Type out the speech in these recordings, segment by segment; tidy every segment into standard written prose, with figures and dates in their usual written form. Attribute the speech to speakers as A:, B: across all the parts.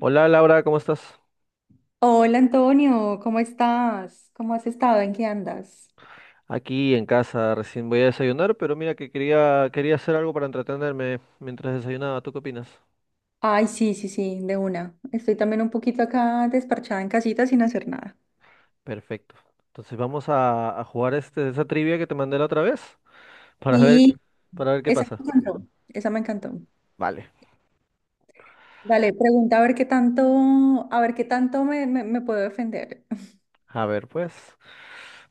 A: Hola Laura, ¿cómo estás?
B: Hola Antonio, ¿cómo estás? ¿Cómo has estado? ¿En qué andas?
A: Aquí en casa, recién voy a desayunar, pero mira que quería hacer algo para entretenerme mientras desayunaba. ¿Tú qué opinas?
B: Ay, sí, sí, sí, de una. Estoy también un poquito acá desparchada en casita sin hacer nada.
A: Perfecto. Entonces vamos a jugar este, esa trivia que te mandé la otra vez para ver,
B: Y
A: para ver qué
B: esa
A: pasa.
B: me encantó, esa me encantó.
A: Vale.
B: Dale, pregunta a ver qué tanto, a ver qué tanto me puedo defender.
A: A ver, pues.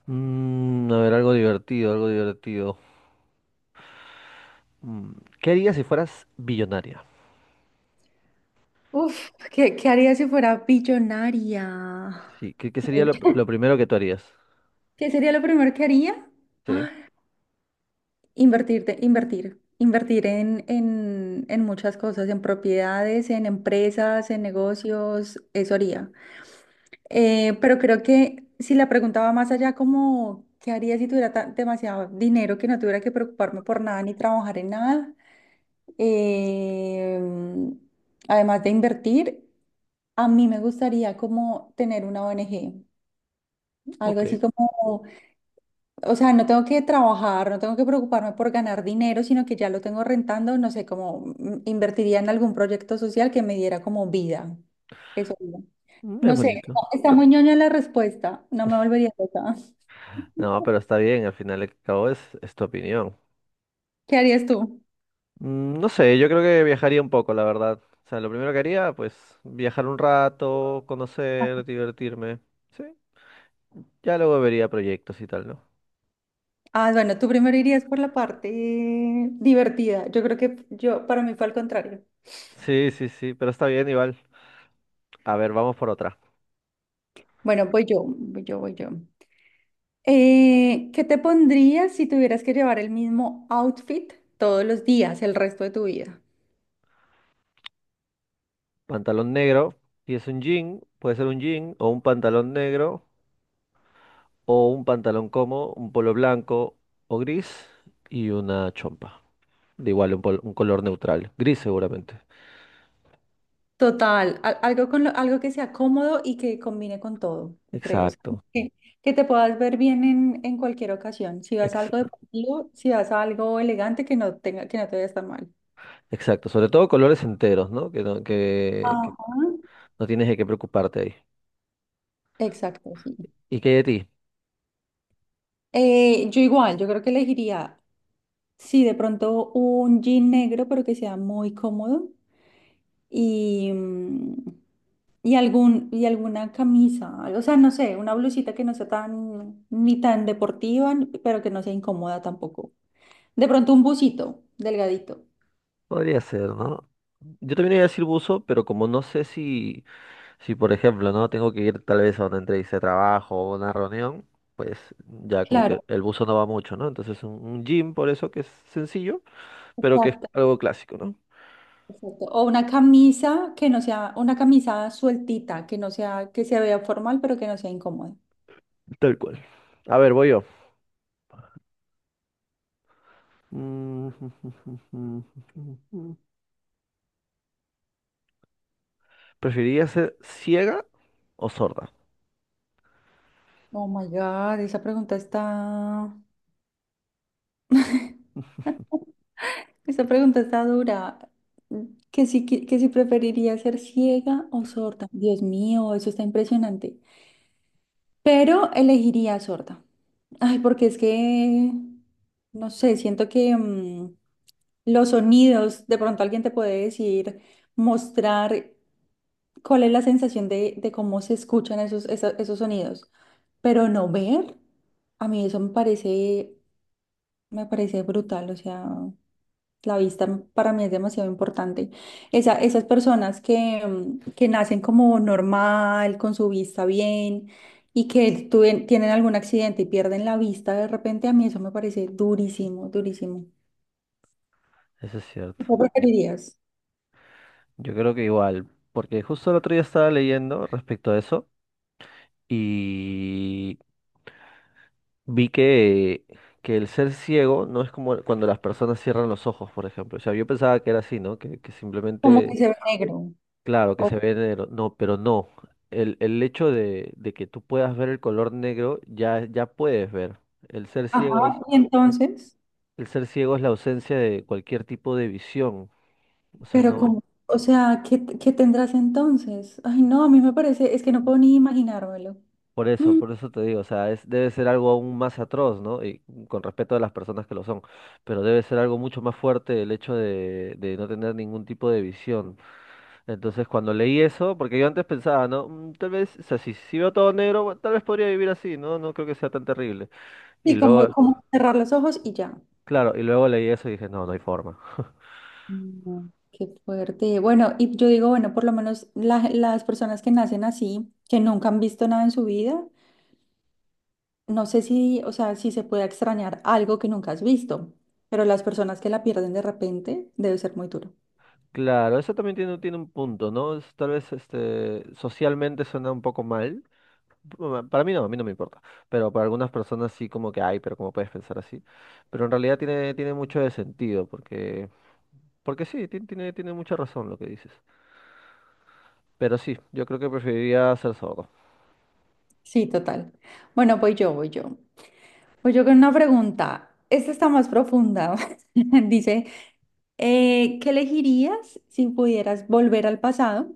A: A ver, algo divertido, algo divertido. Mm, ¿Qué harías si fueras billonaria?
B: Uf, ¿qué haría si fuera billonaria?
A: Sí, qué sería lo primero que tú harías?
B: ¿Qué sería lo primero que haría?
A: Sí,
B: Invertir en muchas cosas, en propiedades, en empresas, en negocios, eso haría. Pero creo que si la pregunta va más allá, como, ¿qué haría si tuviera demasiado dinero que no tuviera que preocuparme por nada ni trabajar en nada? Eh, además de invertir, a mí me gustaría como tener una ONG, algo
A: ok.
B: así como. O sea, no tengo que trabajar, no tengo que preocuparme por ganar dinero, sino que ya lo tengo rentando, no sé, como invertiría en algún proyecto social que me diera como vida. Eso digo.
A: Mm.
B: No
A: Es
B: sé, está
A: bonito.
B: está muy ñoña la respuesta, no me volvería loca.
A: No, pero está bien, al final y al cabo es tu opinión.
B: ¿Qué harías tú?
A: No sé, yo creo que viajaría un poco, la verdad. O sea, lo primero que haría, pues viajar un rato, conocer, divertirme. Sí, ya luego vería proyectos y tal, ¿no?
B: Ah, bueno, tú primero irías por la parte divertida. Yo creo que yo, para mí fue al contrario.
A: Sí, sí, sí, pero está bien igual. A ver, vamos por otra.
B: Bueno, voy yo, voy yo, voy yo. ¿Qué te pondrías si tuvieras que llevar el mismo outfit todos los días, el resto de tu vida?
A: Pantalón negro, si es un jean, puede ser un jean o un pantalón negro o un pantalón como, un polo blanco o gris y una chompa. De igual, un, un color neutral, gris seguramente.
B: Total, algo con algo que sea cómodo y que combine con todo, yo creo. O sea,
A: Exacto.
B: que, que te puedas ver bien en cualquier ocasión. Si vas a
A: ex-
B: algo deportivo, si vas a algo elegante, que no tenga, que no te vaya tan mal.
A: exacto, sobre todo colores enteros, ¿no?
B: Ajá.
A: No tienes de qué preocuparte ahí.
B: Exacto, sí.
A: ¿Y qué hay de ti?
B: Yo igual, yo creo que elegiría, sí, de pronto un jean negro, pero que sea muy cómodo. Y, mm, y alguna camisa, o sea, no sé, una blusita que no sea tan, ni tan deportiva, ni- pero que no sea incómoda tampoco. De pronto un busito, delgadito.
A: Podría ser, ¿no? Yo también iba a decir buzo, pero como no sé si, si por ejemplo, ¿no? Tengo que ir tal vez a una entrevista de trabajo o una reunión, pues ya
B: Sí.
A: como que
B: Claro,
A: el buzo no va mucho, ¿no? Entonces un jean por eso que es sencillo, pero que es
B: exacto,
A: algo clásico, ¿no?
B: exacto. O una camisa que no sea, una camisa sueltita, que no sea, que se vea formal, pero que no sea incómoda.
A: Tal cual. A ver, voy yo. Mm. ¿Preferirías ser ciega o sorda?
B: Oh my God, esa pregunta está dura. Que si preferiría ser ciega o sorda. Dios mío, eso está impresionante. Pero elegiría sorda. Ay, porque es que, no sé, siento que los sonidos, de pronto alguien te puede decir, mostrar cuál es la sensación de cómo se escuchan esos sonidos. Pero no ver, a mí eso me parece, brutal, o sea. La vista para mí es demasiado importante. Esas personas que nacen como normal, con su vista bien y que tienen algún accidente y pierden la vista de repente, a mí eso me parece durísimo, durísimo.
A: Eso es cierto.
B: ¿Qué preferirías?
A: Yo creo que igual, porque justo el otro día estaba leyendo respecto a eso. Y vi que el ser ciego no es como cuando las personas cierran los ojos, por ejemplo. O sea, yo pensaba que era así, ¿no? Que
B: Como
A: simplemente,
B: que se ve negro.
A: claro, que
B: O-
A: se ve negro. No, pero no. El hecho de que tú puedas ver el color negro, ya puedes ver. El ser
B: ajá,
A: ciego es,
B: y entonces,
A: el ser ciego es la ausencia de cualquier tipo de visión. O sea,
B: pero
A: no.
B: como, o sea, ¿qué tendrás entonces? Ay, no, a mí me parece, es que no puedo ni imaginármelo. Mm,
A: Por eso te digo, o sea, es, debe ser algo aún más atroz, ¿no? Y con respeto a las personas que lo son, pero debe ser algo mucho más fuerte el hecho de no tener ningún tipo de visión. Entonces, cuando leí eso, porque yo antes pensaba, ¿no? "Mm, tal vez, o sea, si veo todo negro, bueno, tal vez podría vivir así, ¿no? No creo que sea tan terrible. Y
B: Y
A: luego,
B: como cerrar los ojos y ya.
A: claro, y luego leí eso y dije, no, no hay forma.
B: No, qué fuerte. Bueno, y yo digo, bueno, por lo menos las personas que nacen así, que nunca han visto nada en su vida, no sé si, o sea, si se puede extrañar algo que nunca has visto, pero las personas que la pierden de repente, debe ser muy duro.
A: Claro, eso también tiene un punto, ¿no? Tal vez este, socialmente suena un poco mal. Bueno, para mí no, a mí no me importa. Pero para algunas personas sí como que ay pero cómo puedes pensar así. Pero en realidad tiene mucho de sentido, porque, porque sí, tiene mucha razón lo que dices. Pero sí, yo creo que preferiría ser sordo.
B: Sí, total. Bueno, voy yo, voy yo. Voy yo con una pregunta. Esta está más profunda. Dice, ¿qué elegirías si pudieras volver al pasado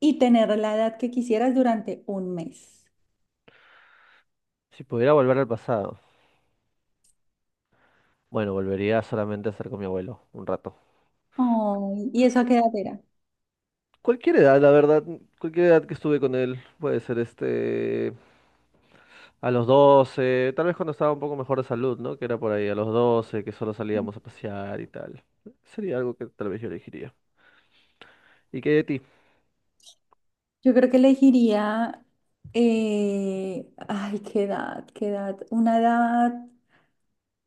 B: y tener la edad que quisieras durante un mes?
A: Si pudiera volver al pasado, bueno, volvería solamente a estar con mi abuelo un rato.
B: Oh, ¿y eso a qué edad era?
A: Cualquier edad, la verdad, cualquier edad que estuve con él, puede ser este, a los 12 tal vez cuando estaba un poco mejor de salud, ¿no? Que era por ahí a los 12 que solo salíamos a pasear y tal. Sería algo que tal vez yo elegiría. ¿Y qué de ti?
B: Yo creo que elegiría, ay, qué edad, una edad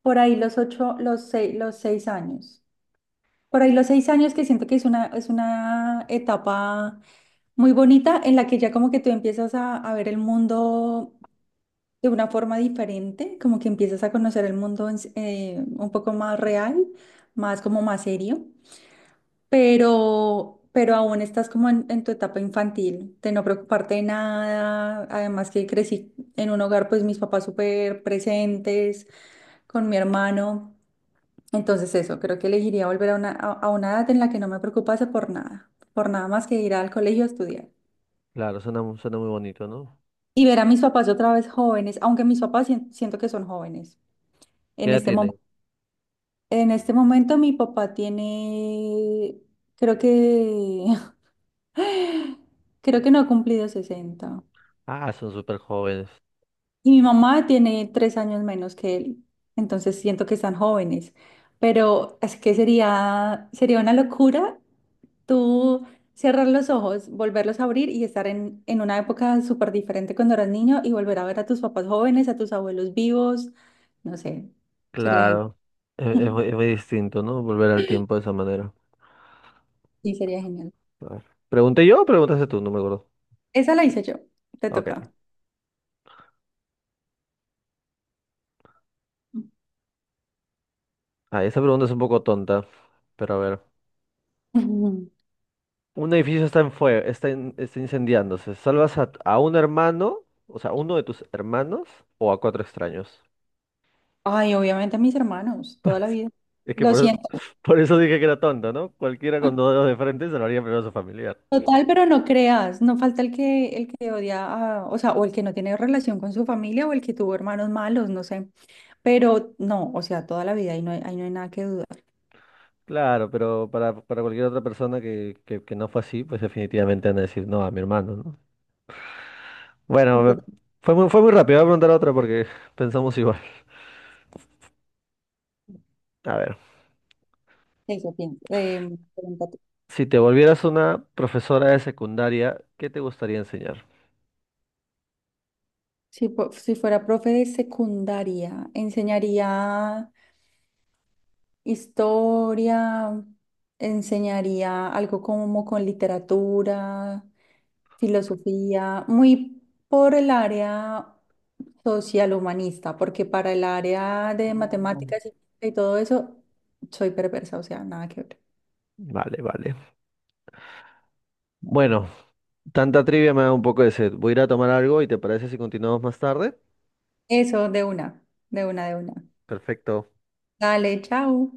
B: por ahí los ocho, los seis años. Por ahí los seis años que siento que es una etapa muy bonita en la que ya como que tú empiezas a ver el mundo de una forma diferente, como que empiezas a conocer el mundo un poco más real, más como más serio. Pero aún estás como en tu etapa infantil, de no preocuparte de nada. Además que crecí en un hogar, pues mis papás súper presentes, con mi hermano. Entonces eso, creo que elegiría volver a una edad en la que no me preocupase por nada más que ir al colegio a estudiar.
A: Claro, suena, suena muy bonito, ¿no?
B: Y ver a mis papás otra vez jóvenes, aunque mis papás siento que son jóvenes.
A: ¿Qué
B: En
A: edad
B: este
A: tienen?
B: momento, en este momento mi papá tiene, creo que, creo que no ha cumplido 60.
A: Ah, son súper jóvenes.
B: Y mi mamá tiene 3 años menos que él, entonces siento que están jóvenes. Pero es que sería una locura tú cerrar los ojos, volverlos a abrir y estar en una época súper diferente cuando eras niño y volver a ver a tus papás jóvenes, a tus abuelos vivos. No sé, sería genial.
A: Claro. Es muy distinto, ¿no? Volver al tiempo de esa manera.
B: Sí, sería genial.
A: A ver. ¿Pregunté yo o preguntaste tú? No me acuerdo.
B: Esa la hice yo, te
A: Ok.
B: toca.
A: Ah, esa pregunta es un poco tonta. Pero a ver.
B: Ujú.
A: Un edificio está en fuego, está, está incendiándose. ¿Salvas a, a un hermano? O sea, uno de tus hermanos o a 4 extraños.
B: Ay, obviamente a mis hermanos, toda la vida.
A: Es que
B: Lo siento.
A: por eso dije que era tonta, ¿no? Cualquiera con 2 dedos de frente salvaría primero a su familiar.
B: Total, pero no creas, no falta el que, odia, o sea, o el que no tiene relación con su familia o el que tuvo hermanos malos, no sé. Pero no, o sea, toda la vida ahí no hay nada que dudar.
A: Claro, pero para cualquier otra persona que no fue así, pues definitivamente van a decir no a mi hermano, ¿no? Bueno,
B: Y total,
A: fue muy rápido, voy a preguntar otra porque pensamos igual. A ver,
B: eso pienso. Pregúntate.
A: si te volvieras una profesora de secundaria, ¿qué te gustaría enseñar?
B: Si fuera profe de secundaria, enseñaría historia, enseñaría algo como con literatura. Filosofía, muy por el área social humanista, porque para el área de
A: No.
B: matemáticas y todo eso, soy perversa, o sea, nada que ver.
A: Vale, vale. Bueno, tanta trivia me da un poco de sed. Voy a ir a tomar algo y ¿te parece si continuamos más tarde?
B: Eso, de una, de una, de una.
A: Perfecto.
B: Dale, chao.